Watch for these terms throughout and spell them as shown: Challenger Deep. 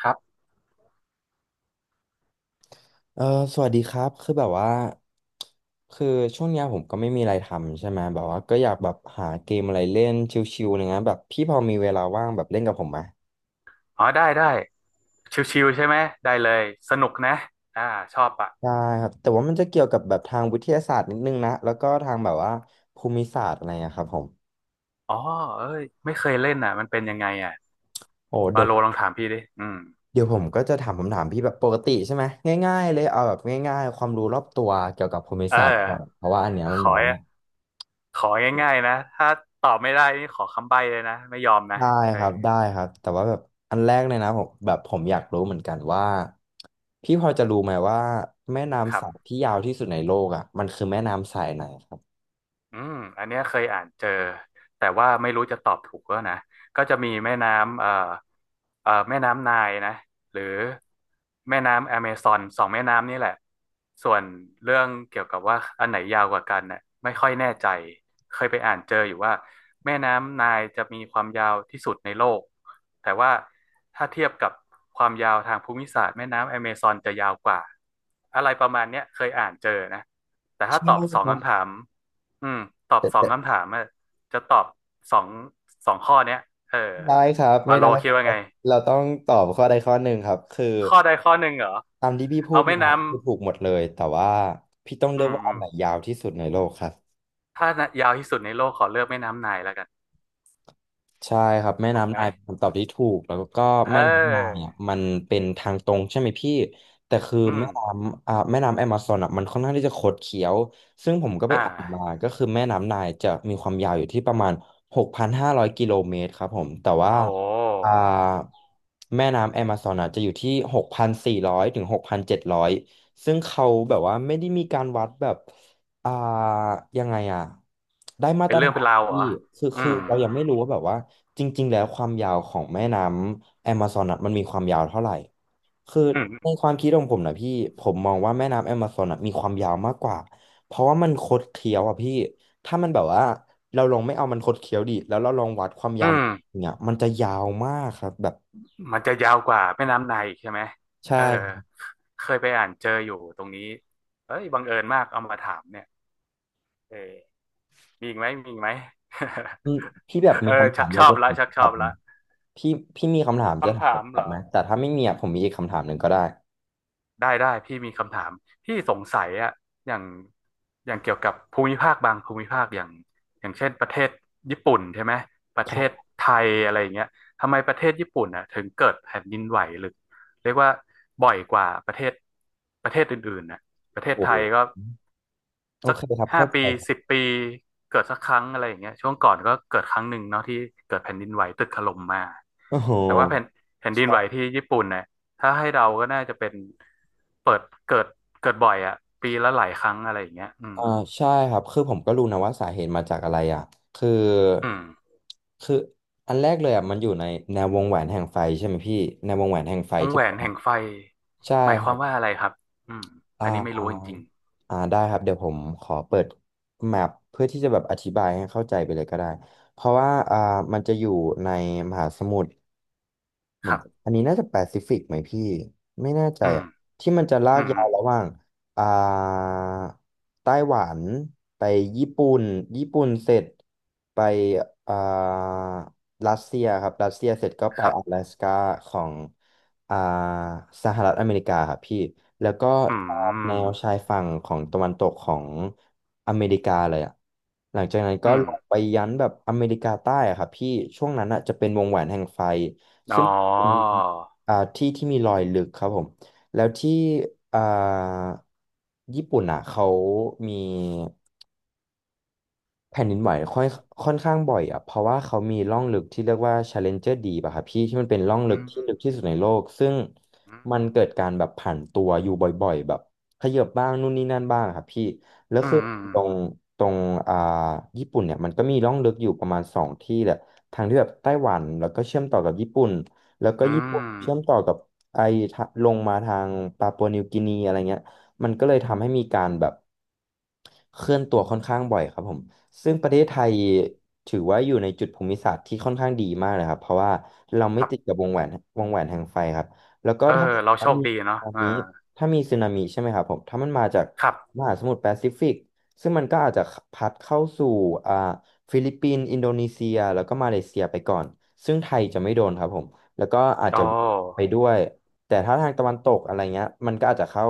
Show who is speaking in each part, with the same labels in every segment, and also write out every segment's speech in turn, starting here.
Speaker 1: ครับ
Speaker 2: เออสวัสดีครับคือแบบว่าคือช่วงเนี้ยผมก็ไม่มีอะไรทำใช่ไหมแบบว่าก็อยากแบบหาเกมอะไรเล่นชิลๆอะไรเงี้ยแบบพี่พอมีเวลาว่างแบบเล่นกับผมไหม
Speaker 1: อ๋อได้ได้ชิวๆใช่ไหมได้เลยสนุกนะอ่าชอบอ่ะ
Speaker 2: ได้ครับแต่ว่ามันจะเกี่ยวกับแบบทางวิทยาศาสตร์นิดนึงนะแล้วก็ทางแบบว่าภูมิศาสตร์อะไรอะครับผม
Speaker 1: อ๋อเอ้ยไม่เคยเล่นอ่ะมันเป็นยังไงอ่ะ
Speaker 2: โอ้เดี๋
Speaker 1: บา
Speaker 2: ยว
Speaker 1: โลลองถามพี่ดิอืม
Speaker 2: เดี๋ยวผมก็จะถามคำถามพี่แบบปกติใช่ไหมง่ายๆเลยเอาแบบง่ายๆความรู้รอบตัวเกี่ยวกับภูมิ
Speaker 1: เออ
Speaker 2: ศาสตร์ก่อนเพราะว่าอันเนี้ย
Speaker 1: ข
Speaker 2: มันแบ
Speaker 1: อ
Speaker 2: บว่า
Speaker 1: ของ่ายๆนะถ้าตอบไม่ได้นี่ขอคำใบ้เลยนะไม่ยอมนะ
Speaker 2: ได้
Speaker 1: เอ
Speaker 2: ครั
Speaker 1: อ
Speaker 2: บแต่ว่าแบบอันแรกเลยนะผมแบบผมอยากรู้เหมือนกันว่าพี่พอจะรู้ไหมว่าแม่
Speaker 1: ค
Speaker 2: น้ำ
Speaker 1: รั
Speaker 2: สาย
Speaker 1: บ
Speaker 2: ที่ยาวที่สุดในโลกอ่ะมันคือแม่น้ำสายไหนครับ
Speaker 1: อืม อันเนี้ยเคยอ่านเจอ แต่ว่าไม่รู้จะตอบถูกแล้วนะก็จะมีแม่น้ำแม่น้ำไนล์นะหรือแม่น้ำแอเมซอนสองแม่น้ำนี่แหละส่วนเรื่องเกี่ยวกับว่าอันไหนยาวกว่ากันน่ะไม่ค่อยแน่ใจ เคยไปอ่านเจออยู่ว่าแม่น้ำไนล์จะมีความยาวที่สุดในโลก แต่ว่าถ้าเทียบกับความยาวทางภูมิศาสตร์แม่น้ำแอเมซอนจะยาวกว่าอะไรประมาณเนี้ยเคยอ่านเจอนะแต่ถ้า
Speaker 2: ใช่
Speaker 1: ตอบสอง
Speaker 2: ครับ
Speaker 1: คำถาม อืมตอบ
Speaker 2: แต่
Speaker 1: สอง
Speaker 2: แต่
Speaker 1: คำถามอะจะตอบสองสองข้อเนี้ยเออ
Speaker 2: ได้ครับ
Speaker 1: วา
Speaker 2: ไม่
Speaker 1: โล
Speaker 2: ได้ค
Speaker 1: คิด
Speaker 2: รับ
Speaker 1: ว่าไง
Speaker 2: เราต้องตอบข้อใดข้อหนึ่งครับคือ
Speaker 1: ข้อใดข้อหนึ่งเหรอ
Speaker 2: ตามที่พี่พู
Speaker 1: เอา
Speaker 2: ด
Speaker 1: แม่
Speaker 2: มา
Speaker 1: น้ำ
Speaker 2: คือถูกหมดเลยแต่ว่าพี่ต้อง
Speaker 1: อื
Speaker 2: เลือก
Speaker 1: ม
Speaker 2: ว่า
Speaker 1: อื
Speaker 2: อัน
Speaker 1: ม
Speaker 2: ไหนยาวที่สุดในโลกครับ
Speaker 1: ถ้ายาวที่สุดในโลกขอเลือกแม่น้ำไนล์แล้วกัน
Speaker 2: ใช่ครับแม่
Speaker 1: ถูกไห
Speaker 2: น้ำ
Speaker 1: ม
Speaker 2: นายเป็นคำตอบที่ถูกแล้วก็
Speaker 1: เ
Speaker 2: แม่น้ำนาย
Speaker 1: ออ
Speaker 2: อ่ะมันเป็นทางตรงใช่ไหมพี่แต่คือ
Speaker 1: อืม
Speaker 2: แม่น้ำแม่น้ำแอมะซอนอ่ะมันค่อนข้างที่จะคดเคี้ยวซึ่งผมก็ไป
Speaker 1: อ่า
Speaker 2: อ่านมาก็คือแม่น้ำนายจะมีความยาวอยู่ที่ประมาณ6,500 กิโลเมตรครับผมแต่ว่า
Speaker 1: โอ้โ
Speaker 2: อ่า
Speaker 1: ห
Speaker 2: แม่น้ำแอมะซอนอ่ะจะอยู่ที่6,400ถึง6,700ซึ่งเขาแบบว่าไม่ได้มีการวัดแบบ อ่ายังไงอ่ะได้มา
Speaker 1: เป็
Speaker 2: ต
Speaker 1: น
Speaker 2: ร
Speaker 1: เรื่อง
Speaker 2: ฐา
Speaker 1: เป็น
Speaker 2: น
Speaker 1: ราวเหร
Speaker 2: ที่
Speaker 1: อ
Speaker 2: คือ
Speaker 1: อื
Speaker 2: คือ
Speaker 1: ม
Speaker 2: เรายังไม่รู้ว่าแบบว่าจริงๆแล้วความยาวของแม่น้ำแอมะซอนอะมันมีความยาวเท่าไหร่คือ
Speaker 1: อื
Speaker 2: ใน
Speaker 1: ม
Speaker 2: ความคิดของผมนะพี่ผมมองว่าแม่น้ำแอมะซอนอะมีความยาวมากกว่าเพราะว่ามันคดเคี้ยวอ่ะพี่ถ้ามันแบบว่าเราลองไม่เอามันคดเคี้ยวดิแล้วเราลองวัดความ
Speaker 1: อื
Speaker 2: ยาว
Speaker 1: ม
Speaker 2: เนี่ยมันจะยาวมากครับแบบ
Speaker 1: มันจะยาวกว่าแม่น้ำไนล์อีกใช่ไหมเออ
Speaker 2: ใช่
Speaker 1: เคยไปอ่านเจออยู่ตรงนี้เอ้ยบังเอิญมากเอามาถามเนี่ยเออ มีอีกไหมมีอีกไหม
Speaker 2: อืมพี่แบ บ
Speaker 1: เอ
Speaker 2: มี
Speaker 1: อ
Speaker 2: คำถา
Speaker 1: ชั
Speaker 2: ม
Speaker 1: ก
Speaker 2: อะ
Speaker 1: ช
Speaker 2: ไร
Speaker 1: อบ
Speaker 2: จะ
Speaker 1: ละ
Speaker 2: ถาม
Speaker 1: ชักช
Speaker 2: ก
Speaker 1: อ
Speaker 2: ลั
Speaker 1: บ
Speaker 2: บไหม
Speaker 1: ละ
Speaker 2: พี่พี่มีคำถามจะ
Speaker 1: คำ
Speaker 2: ถามก
Speaker 1: ถามเห
Speaker 2: ลั
Speaker 1: ร
Speaker 2: บ
Speaker 1: อ
Speaker 2: ไหมแต่ถ้าไม่มีอะผมมีอีกคำถามหนึ่งก็ได้
Speaker 1: ได้ได้พี่มีคำถามพี่สงสัยอะอย่างอย่างเกี่ยวกับภูมิภาคบางภูมิภาคอย่างอย่างเช่นประเทศญี่ปุ่นใช่ไหมประ
Speaker 2: ค
Speaker 1: เทศ
Speaker 2: รับ
Speaker 1: ไทยอะไรอย่างเงี้ยทำไมประเทศญี่ปุ่นอะถึงเกิดแผ่นดินไหวหรือเรียกว่าบ่อยกว่าประเทศอื่นๆน่ะประเท
Speaker 2: โอ้
Speaker 1: ศ
Speaker 2: โห
Speaker 1: ไทยก็
Speaker 2: โอเคครับ
Speaker 1: ห้า
Speaker 2: เข้าใจ
Speaker 1: ปี
Speaker 2: ครับ
Speaker 1: สิบปีเกิดสักครั้งอะไรอย่างเงี้ยช่วงก่อนก็เกิดครั้งหนึ่งเนาะที่เกิดแผ่นดินไหวตึกถล่มมา
Speaker 2: โอ้โห
Speaker 1: แต่ว่าแผ่นดินไหว
Speaker 2: ใช่
Speaker 1: ที่ญี่ปุ่นเนี่ยถ้าให้เดาก็น่าจะเป็นเปิดเกิดเกิดบ่อยอะปีละหลายครั้งอะไรอย่างเงี้ยอืม
Speaker 2: อ่าใช่ครับคือผมก็รู้นะว่าสาเหตุมาจากอะไรอ่ะคือ
Speaker 1: อืม
Speaker 2: คืออันแรกเลยอ่ะมันอยู่ในแนววงแหวนแห่งไฟใช่ไหมพี่แนววงแหวนแห่งไฟ
Speaker 1: วง
Speaker 2: ที่
Speaker 1: แหว
Speaker 2: แบ
Speaker 1: น
Speaker 2: บว่า
Speaker 1: แห่งไฟ
Speaker 2: ใช่
Speaker 1: หมาย
Speaker 2: ค
Speaker 1: ค
Speaker 2: รั
Speaker 1: วาม
Speaker 2: บ
Speaker 1: ว่าอะไรครับอืม
Speaker 2: อ่
Speaker 1: อันนี้ไม่รู้จ
Speaker 2: า
Speaker 1: ริง
Speaker 2: อ่าได้ครับเดี๋ยวผมขอเปิดแมปเพื่อที่จะแบบอธิบายให้เข้าใจไปเลยก็ได้เพราะว่ามันจะอยู่ในมหาสมุทร เห
Speaker 1: ๆค
Speaker 2: มือน
Speaker 1: รับ
Speaker 2: อันนี้น่าจะแปซิฟิกไหมพี่ไม่แน่ใจ
Speaker 1: อืม
Speaker 2: อะที่มันจะลา
Speaker 1: อื
Speaker 2: ก
Speaker 1: ม
Speaker 2: ยาวระหว่างอ่าไต้หวันไปญี่ปุ่นญี่ปุ่นเสร็จไปอ่ารัสเซียครับรัสเซียเสร็จก็ไป
Speaker 1: ครั
Speaker 2: 阿拉
Speaker 1: บ
Speaker 2: 斯ก้าของอ่าสหรัฐอเมริกาครับพี่แล้วก็
Speaker 1: อื
Speaker 2: ตามแน
Speaker 1: ม
Speaker 2: วชายฝั่งของตะวันตกของอเมริกาเลยอะหลังจากนั้น
Speaker 1: อื
Speaker 2: ก็
Speaker 1: ม
Speaker 2: ลงไปยันแบบอเมริกาใต้อะครับพี่ช่วงนั้นอะจะเป็นวงแหวนแห่งไฟ
Speaker 1: อ๋อ
Speaker 2: เป็นที่ที่มีรอยลึกครับผมแล้วที่อ่าญี่ปุ่นอ่ะเขามี แผ่นดินไหวค่อยค่อนข้างบ่อยอ่ะเพราะว่าเขามีร่องลึกที่เรียกว่า Challenger Deep อะครับพี่ที่มันเป็นร่องลึ
Speaker 1: อื
Speaker 2: ก
Speaker 1: ม
Speaker 2: ที่ลึกที่สุดในโลกซึ่ง
Speaker 1: อ
Speaker 2: มันเกิดการแบบผันตัวอยู่บ่อยๆแบบขยับบ้างนู่นนี่นั่นบ้างอะครับพี่แล้ว
Speaker 1: ื
Speaker 2: คือ
Speaker 1: มอืม
Speaker 2: ตรงตรงอ่าญี่ปุ่นเนี่ยมันก็มีร่องลึกอยู่ประมาณสองที่แหละทางที่แบบไต้หวันแล้วก็เชื่อมต่อกับญี่ปุ่นแล้วก็
Speaker 1: อื
Speaker 2: ญี่ปุ่นเชื่อ
Speaker 1: ม
Speaker 2: มต่อกับไอทะลงมาทางปาปัวนิวกินีอะไรเงี้ย มันก็เลยทำให้มีการแบบเคลื่อนตัวค่อนข้างบ่อยครับผมซึ่งประเทศ
Speaker 1: อื
Speaker 2: ไท
Speaker 1: ม
Speaker 2: ยถือว่าอยู่ในจุดภูมิศาสตร์ที่ค่อนข้างดีมากเลยครับเพราะว่าเราไม่
Speaker 1: ครับ
Speaker 2: ติดกับวงแหวนแห่งไฟครับแล้วก็
Speaker 1: เออ
Speaker 2: ถ้า
Speaker 1: เรา
Speaker 2: ถ้า
Speaker 1: โชค
Speaker 2: มี
Speaker 1: ดีเนาะ
Speaker 2: ตอน
Speaker 1: เออ
Speaker 2: นี้ถ้ามีสึนามิใช่ไหมครับผมถ้ามันมาจาก
Speaker 1: ครับ
Speaker 2: มหาสมุทรแปซิฟิกซึ่งมันก็อาจจะพัดเข้าสู่อ่าฟิลิปปินส์อินโดนีเซียแล้วก็มาเลเซียไปก่อนซึ่งไทยจะไม่โดนครับผมแล้วก็อาจ
Speaker 1: โอ
Speaker 2: จะไป
Speaker 1: ้
Speaker 2: ด้วย แต่ถ้าทางตะวันตกอะไรเงี้ยมันก็อาจจะเข้า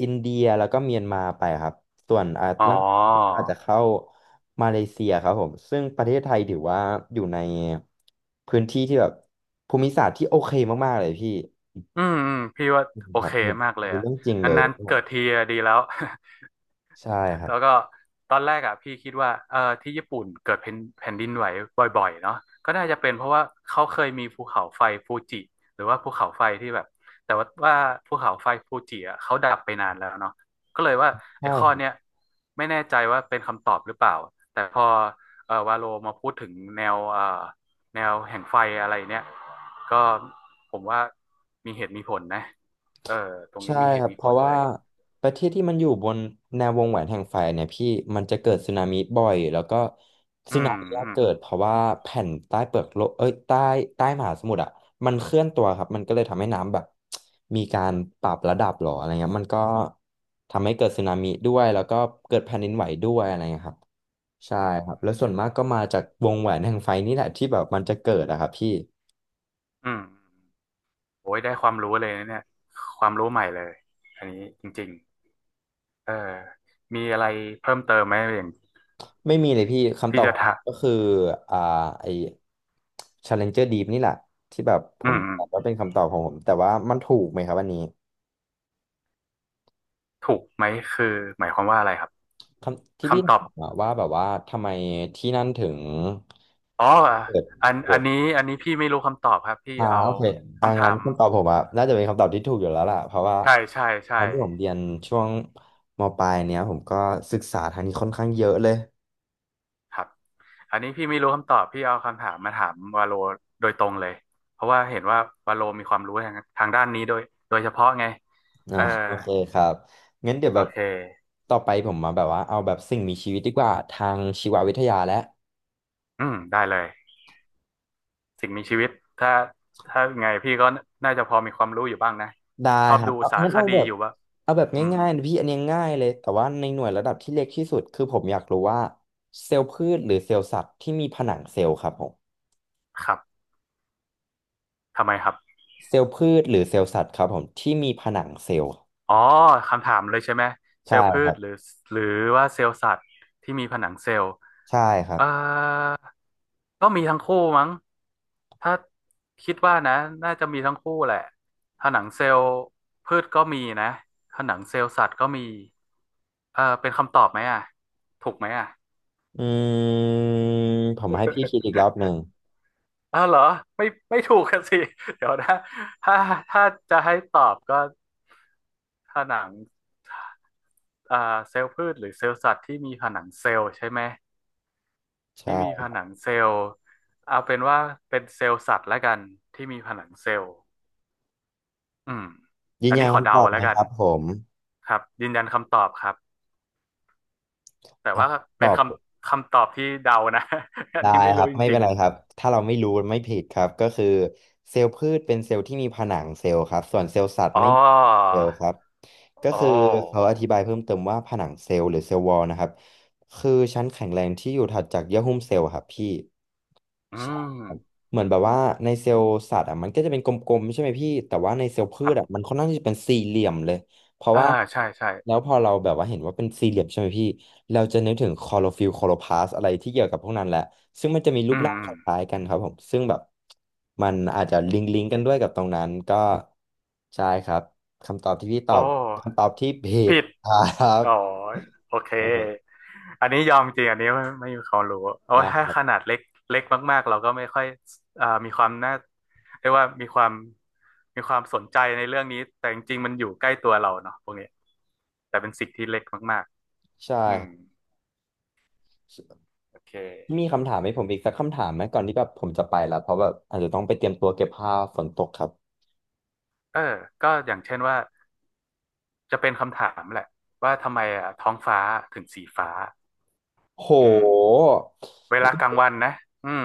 Speaker 2: อินเดียแล้วก็เมียนมาไปครับส่วนอาจ
Speaker 1: อ๋อ
Speaker 2: ล่างก็อาจจะเข้ามาเลเซียครับผมซึ่งประเทศไทยถือว่าอยู่ในพื้นที่ที่แบบภูมิศาสตร์ที่โอเคมากๆเลยพี่
Speaker 1: อืมอืมพี่ว่าโอ
Speaker 2: ครับ
Speaker 1: เคมากเล
Speaker 2: อัน
Speaker 1: ย
Speaker 2: นี้
Speaker 1: อ่ะ
Speaker 2: เรื่องจริงเลย
Speaker 1: นาน
Speaker 2: ครับ
Speaker 1: ๆ
Speaker 2: ผ
Speaker 1: เกิด
Speaker 2: ม
Speaker 1: ทีอะดีแล้ว
Speaker 2: ใช่ครับ
Speaker 1: แล้วก็ตอนแรกอ่ะพี่คิดว่าเออที่ญี่ปุ่นเกิดแผ่นดินไหวบ่อยๆเนาะก็น่าจะเป็นเพราะว่าเขาเคยมีภูเขาไฟฟูจิหรือว่าภูเขาไฟที่แบบแต่ว่าภูเขาไฟฟูจิอ่ะเขาดับไปนานแล้วเนาะก็เลยว่าไอ้ข้อ
Speaker 2: ใช่
Speaker 1: เนี้ยไม่แน่ใจว่าเป็นคำตอบหรือเปล่าแต่พอเออวาโลมาพูดถึงแนวเออแนวแห่งไฟอะไรเนี้ยก็ผมว่ามีเหตุมีผลนะเออตรง
Speaker 2: ใช่
Speaker 1: นี้มีเห
Speaker 2: ค
Speaker 1: ตุ
Speaker 2: รับ
Speaker 1: มี
Speaker 2: เพ
Speaker 1: ผ
Speaker 2: ราะ
Speaker 1: ลเล
Speaker 2: ว่า
Speaker 1: ย
Speaker 2: ประเทศที่มันอยู่บนแนววงแหวนแห่งไฟเนี่ยพี่มันจะเกิดสึนามิบ่อยแล้วก็
Speaker 1: อื
Speaker 2: สึนา
Speaker 1: ม
Speaker 2: มิอะ
Speaker 1: อืม
Speaker 2: เกิดเพราะว่าแผ่นใต้เปลือกโลกเอ้ยใต้ใต้มหาสมุทรอ่ะมันเคลื่อนตัวครับมันก็เลยทำให้น้ำแบบ มีการปรับระดับหรออะไรเงี้ยมันก็ทำให้เกิดสึนามิด้วยแล้วก็เกิดแผ่นดินไหวด้วยอะไรเงี้ยครับใช่
Speaker 1: อืม
Speaker 2: ครับแล้วส่วนมากก็มาจากวงแหวนแห่งไฟนี่แหละที่แบบมันจะเกิดอะครับพี่
Speaker 1: อืมโอ้ยได้ความรู้เลยนะเนี่ยความรู้ใหม่เลยอันนี้จริงๆเออมีอะไรเพิ่มเติมไหมอย่าง
Speaker 2: ไม่มีเลยพี่คำต
Speaker 1: ที่
Speaker 2: อบ
Speaker 1: จะ
Speaker 2: ของ
Speaker 1: ถา
Speaker 2: ผ
Speaker 1: ม
Speaker 2: มก็คืออ่าไอ Challenger Deep นี่แหละที่แบบผ
Speaker 1: อื
Speaker 2: ม
Speaker 1: มอืม
Speaker 2: บอกว่าเป็นคำตอบของผมแต่ว่ามันถูกไหมครับอันนี้
Speaker 1: ถูกไหมคือหมายความว่าอะไรครับ
Speaker 2: คำที่พี่
Speaker 1: คำตอ
Speaker 2: ถา
Speaker 1: บ
Speaker 2: มอะว่าแบบว่าทำไมที่นั่นถึง
Speaker 1: อ๋อ
Speaker 2: เปิด
Speaker 1: อัน
Speaker 2: เปิ
Speaker 1: อัน
Speaker 2: ด
Speaker 1: นี้อันนี้พี่ไม่รู้คำตอบครับพี่
Speaker 2: อ่า
Speaker 1: เอา
Speaker 2: โอเค
Speaker 1: คำ
Speaker 2: งั้
Speaker 1: ถา
Speaker 2: น
Speaker 1: ม
Speaker 2: คำตอบผมอะน่าจะเป็นคำตอบที่ถูกอยู่แล้วล่ะเพราะว่า
Speaker 1: ใช่ใช่
Speaker 2: ต
Speaker 1: ใช่
Speaker 2: อนที่ผมเรียนช่วงมปลายเนี้ยผมก็ศึกษาทางนี้ค่อนข้างเยอะเลย
Speaker 1: ครับอันนี้พี่ไม่รู้คำตอบพี่เอาคำถามมาถามวาโลโดยตรงเลยเพราะว่าเห็นว่าวาโลมีความรู้ทางด้านนี้โดยเฉพาะไง
Speaker 2: อ่า
Speaker 1: เออ
Speaker 2: โอเคครับงั้นเดี๋ยวแบ
Speaker 1: โอ
Speaker 2: บ
Speaker 1: เค
Speaker 2: ต่อไปผมมาแบบว่าเอาแบบสิ่งมีชีวิตดีกว่าทางชีววิทยาและ
Speaker 1: อืมได้เลย สิ่งมีชีวิตถ้าถ้าไงพี่ก็น่าจะพอมีความรู้อยู่บ้างนะ
Speaker 2: ได้
Speaker 1: ชอบ
Speaker 2: ครับ
Speaker 1: ดู
Speaker 2: เอา
Speaker 1: สาร
Speaker 2: งั้น
Speaker 1: ค
Speaker 2: เอา
Speaker 1: ดี
Speaker 2: แบบ
Speaker 1: อยู่ว่า
Speaker 2: เอาแบบ
Speaker 1: อืม
Speaker 2: ง่ายๆนะพี่อันนี้ง่ายเลยแต่ว่าในหน่วยระดับที่เล็กที่สุดคือผมอยากรู้ว่าเซลล์พืชหรือเซลล์สัตว์ที่มีผนังเซลล์ครับผม
Speaker 1: ครับทำไมครับ
Speaker 2: เซลล์พืชหรือเซลล์สัตว์ครับผมที่มีผนังเซลล์
Speaker 1: อ๋อคำถามเลยใช่ไหมเซล
Speaker 2: ใช่
Speaker 1: ล์พื
Speaker 2: ครั
Speaker 1: ชหรื
Speaker 2: บ
Speaker 1: อหรือว่าเซลล์สัตว์ที่มีผนังเซลล์
Speaker 2: ใช่ครั
Speaker 1: เอ่
Speaker 2: บ
Speaker 1: อก็มีทั้งคู่มั้งถ้าคิดว่านะน่าจะมีทั้งคู่แหละผนังเซลล์พืชก็มีนะผนังเซลล์สัตว์ก็มีเออเป็นคำตอบไหมอ่ะถูกไหมอ่ะ
Speaker 2: อืมผมให้พี่คิดอีกรอบหนึ่ ง
Speaker 1: อ้าวเหรอไม่ไม่ถูกกันสิ เดี๋ยวนะถ้าถ้าจะให้ตอบก็ผนังอ่าเซลล์พืชหรือเซลล์สัตว์ที่มีผนังเซลล์ใช่ไหมที่มีผ
Speaker 2: ใช่
Speaker 1: นังเซลล์เอาเป็นว่าเป็นเซลล์สัตว์แล้วกันที่มีผนังเซลล์อืม
Speaker 2: ยื
Speaker 1: อั
Speaker 2: น
Speaker 1: น
Speaker 2: ยั
Speaker 1: นี้
Speaker 2: น
Speaker 1: ขอ
Speaker 2: คำ
Speaker 1: เดา
Speaker 2: ตอบไห
Speaker 1: แล้
Speaker 2: ม
Speaker 1: วกั
Speaker 2: ค
Speaker 1: น
Speaker 2: รับผม
Speaker 1: ครับยืนยันคำตอบครับแต่
Speaker 2: อ่ะ
Speaker 1: ว่า
Speaker 2: ต
Speaker 1: เป็น
Speaker 2: อบ
Speaker 1: คำตอบที่เดานะ อัน
Speaker 2: ได้
Speaker 1: นี้ไม่
Speaker 2: ค
Speaker 1: รู้
Speaker 2: รับ
Speaker 1: จ
Speaker 2: ไม่เป็
Speaker 1: ริ
Speaker 2: น
Speaker 1: ง
Speaker 2: ไรครับถ้าเราไม่รู้ไม่ผิดครับก็คือเซลล์พืชเป็นเซลล์ที่มีผนังเซลล์ครับส่วนเซลล์สัต
Speaker 1: ๆ
Speaker 2: ว์ไม่
Speaker 1: อ๋อ
Speaker 2: มีเซลล์ครับก็
Speaker 1: อ๋อ
Speaker 2: คือเขาอธิบายเพิ่มเติมว่าผนังเซลล์หรือเซลล์วอลนะครับคือชั้นแข็งแรงที่อยู่ถัดจากเยื่อหุ้มเซลล์ครับพี่
Speaker 1: อื
Speaker 2: ใช่ครับ
Speaker 1: ม
Speaker 2: เหมือนแบบว่าในเซลล์สัตว์อ่ะมันก็จะเป็นกลมๆใช่ไหมพี่แต่ว่าในเซลล์พื
Speaker 1: ครั
Speaker 2: ชอ่ะ
Speaker 1: บ
Speaker 2: มันค่อนข้างที่จะเป็นสี่เหลี่ยมเลย เพราะ
Speaker 1: อ่า
Speaker 2: ว่า
Speaker 1: ใช่ใช่
Speaker 2: แล้วพอเราแบบว่าเห็นว่าเป็นสี่เหลี่ยมใช่ไหมพี่เราจะนึกถึงคลอโรฟิลล์คลอโรพลาสต์อะไรที่เกี่ยวกับพวกนั้นแหละซึ่งมันจะมีรู
Speaker 1: อื
Speaker 2: ป
Speaker 1: ม
Speaker 2: ร่าง
Speaker 1: อื
Speaker 2: ค
Speaker 1: ม
Speaker 2: ล้ายๆกันครับผมซึ่งแบบมันอาจจะลิงก์กันด้วยกับตรงนั้นก็ใช่ครับคำตอบที่พี่ต
Speaker 1: โอ
Speaker 2: อบคำตอ
Speaker 1: ้
Speaker 2: บที่ผิด
Speaker 1: ผิด
Speaker 2: ครับ
Speaker 1: อ๋อโอเค อันนี้ยอมจริง อันนี้ไม่ไม่มีความรู้โอ้
Speaker 2: ได้ค
Speaker 1: ถ้า
Speaker 2: รั
Speaker 1: ข
Speaker 2: บ
Speaker 1: นาดเล็กเล็กมากๆ เราก็ไม่ค่อยมีความน่าเรียกว่ามีความสนใจในเรื่องนี้ แต่จริงๆ มันอยู่ใกล้ตัวเราเนาะพวกนี้แต่เป็นสิ่งที่เล็กมาก
Speaker 2: ใช่
Speaker 1: ๆ อืม
Speaker 2: ครับ
Speaker 1: โอเค
Speaker 2: มีคำถามให้ผมอีกสักคำถามไหมก่อนที่แบบผมจะไปละเพราะแบบอาจจะต้องไปเตรียมตัวเก็บผ้าฝนตกครับ
Speaker 1: เออก็อย่างเช่นว่าจะเป็นคำถามแหละว่าทำไมอ่ะท้องฟ้าถึงสีฟ้า
Speaker 2: โห
Speaker 1: อืมเวลากลางวันนะอืม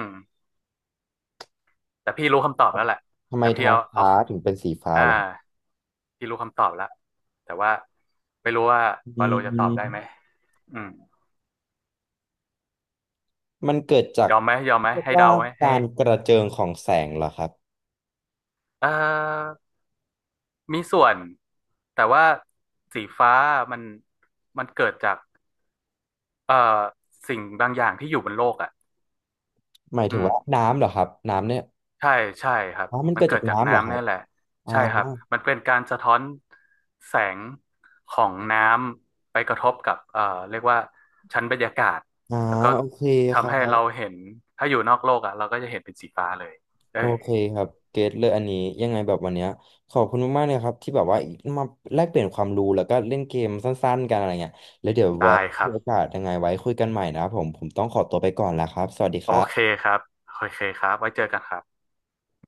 Speaker 1: แต่พี่รู้คำตอบแล้วแหละ
Speaker 2: ทำไม
Speaker 1: แต่พี่
Speaker 2: ท้อง
Speaker 1: เอาเอา
Speaker 2: ฟ้าถึงเป็นสีฟ้า
Speaker 1: อ่า
Speaker 2: เหรอ
Speaker 1: พี่รู้คำตอบแล้วแต่ว่าไม่รู้ว่าวา
Speaker 2: อื
Speaker 1: โลจะตอบ
Speaker 2: ม
Speaker 1: ได้ไหมอืม
Speaker 2: มันเกิดจาก
Speaker 1: ยอมไหมยอมไหม
Speaker 2: เรียก
Speaker 1: ให้
Speaker 2: ว่า
Speaker 1: เดาไหม
Speaker 2: กา
Speaker 1: ให้
Speaker 2: รกระเจิงของแสงเหรอครับ
Speaker 1: เอ่อมีส่วนแต่ว่าสีฟ้ามันมันเกิดจากเอ่อสิ่งบางอย่างที่อยู่บนโลกอ่ะ
Speaker 2: หมาย
Speaker 1: อื
Speaker 2: ถึง
Speaker 1: ม
Speaker 2: ว่าน้ำเหรอครับน้ำเนี่ย
Speaker 1: ใช่ใช่ครับ
Speaker 2: อ๋อมัน
Speaker 1: มัน
Speaker 2: เกิด
Speaker 1: เกิ
Speaker 2: จา
Speaker 1: ด
Speaker 2: ก
Speaker 1: จาก
Speaker 2: น้ำเหรอค
Speaker 1: น้ำ
Speaker 2: รั
Speaker 1: เนี่
Speaker 2: บ
Speaker 1: ยแหละ
Speaker 2: อ่า
Speaker 1: ใช่ครับมันเป็นการสะท้อนแสงของน้ำไปกระทบกับเรียกว่าชั้นบรรยากาศ
Speaker 2: อ่า
Speaker 1: แล้วก็
Speaker 2: โอเคครั
Speaker 1: ทำให้เรา
Speaker 2: บ
Speaker 1: เห็นถ้าอยู่นอกโลกอ่ะเราก็จะเห็นเป็นสีฟ้าเลยเออ
Speaker 2: โอเคครับเก็ตเลยอันนี้ยังไงแบบวันเนี้ยขอบคุณมากๆเลยครับที่แบบว่ามาแลกเปลี่ยนความรู้แล้วก็เล่นเกมสั้นๆกันอะไรเงี้ยแล้วเดี๋ยว
Speaker 1: ได้
Speaker 2: ไว้
Speaker 1: ครั
Speaker 2: มี
Speaker 1: บ
Speaker 2: โอกาสยังไงไว้คุยกันใหม่นะครับผมผมต้องขอตัวไปก่อนแล้วครับสวัสดี
Speaker 1: โอ
Speaker 2: ครั
Speaker 1: เค
Speaker 2: บ
Speaker 1: ครับโอเคครับไว้เจอกันครับ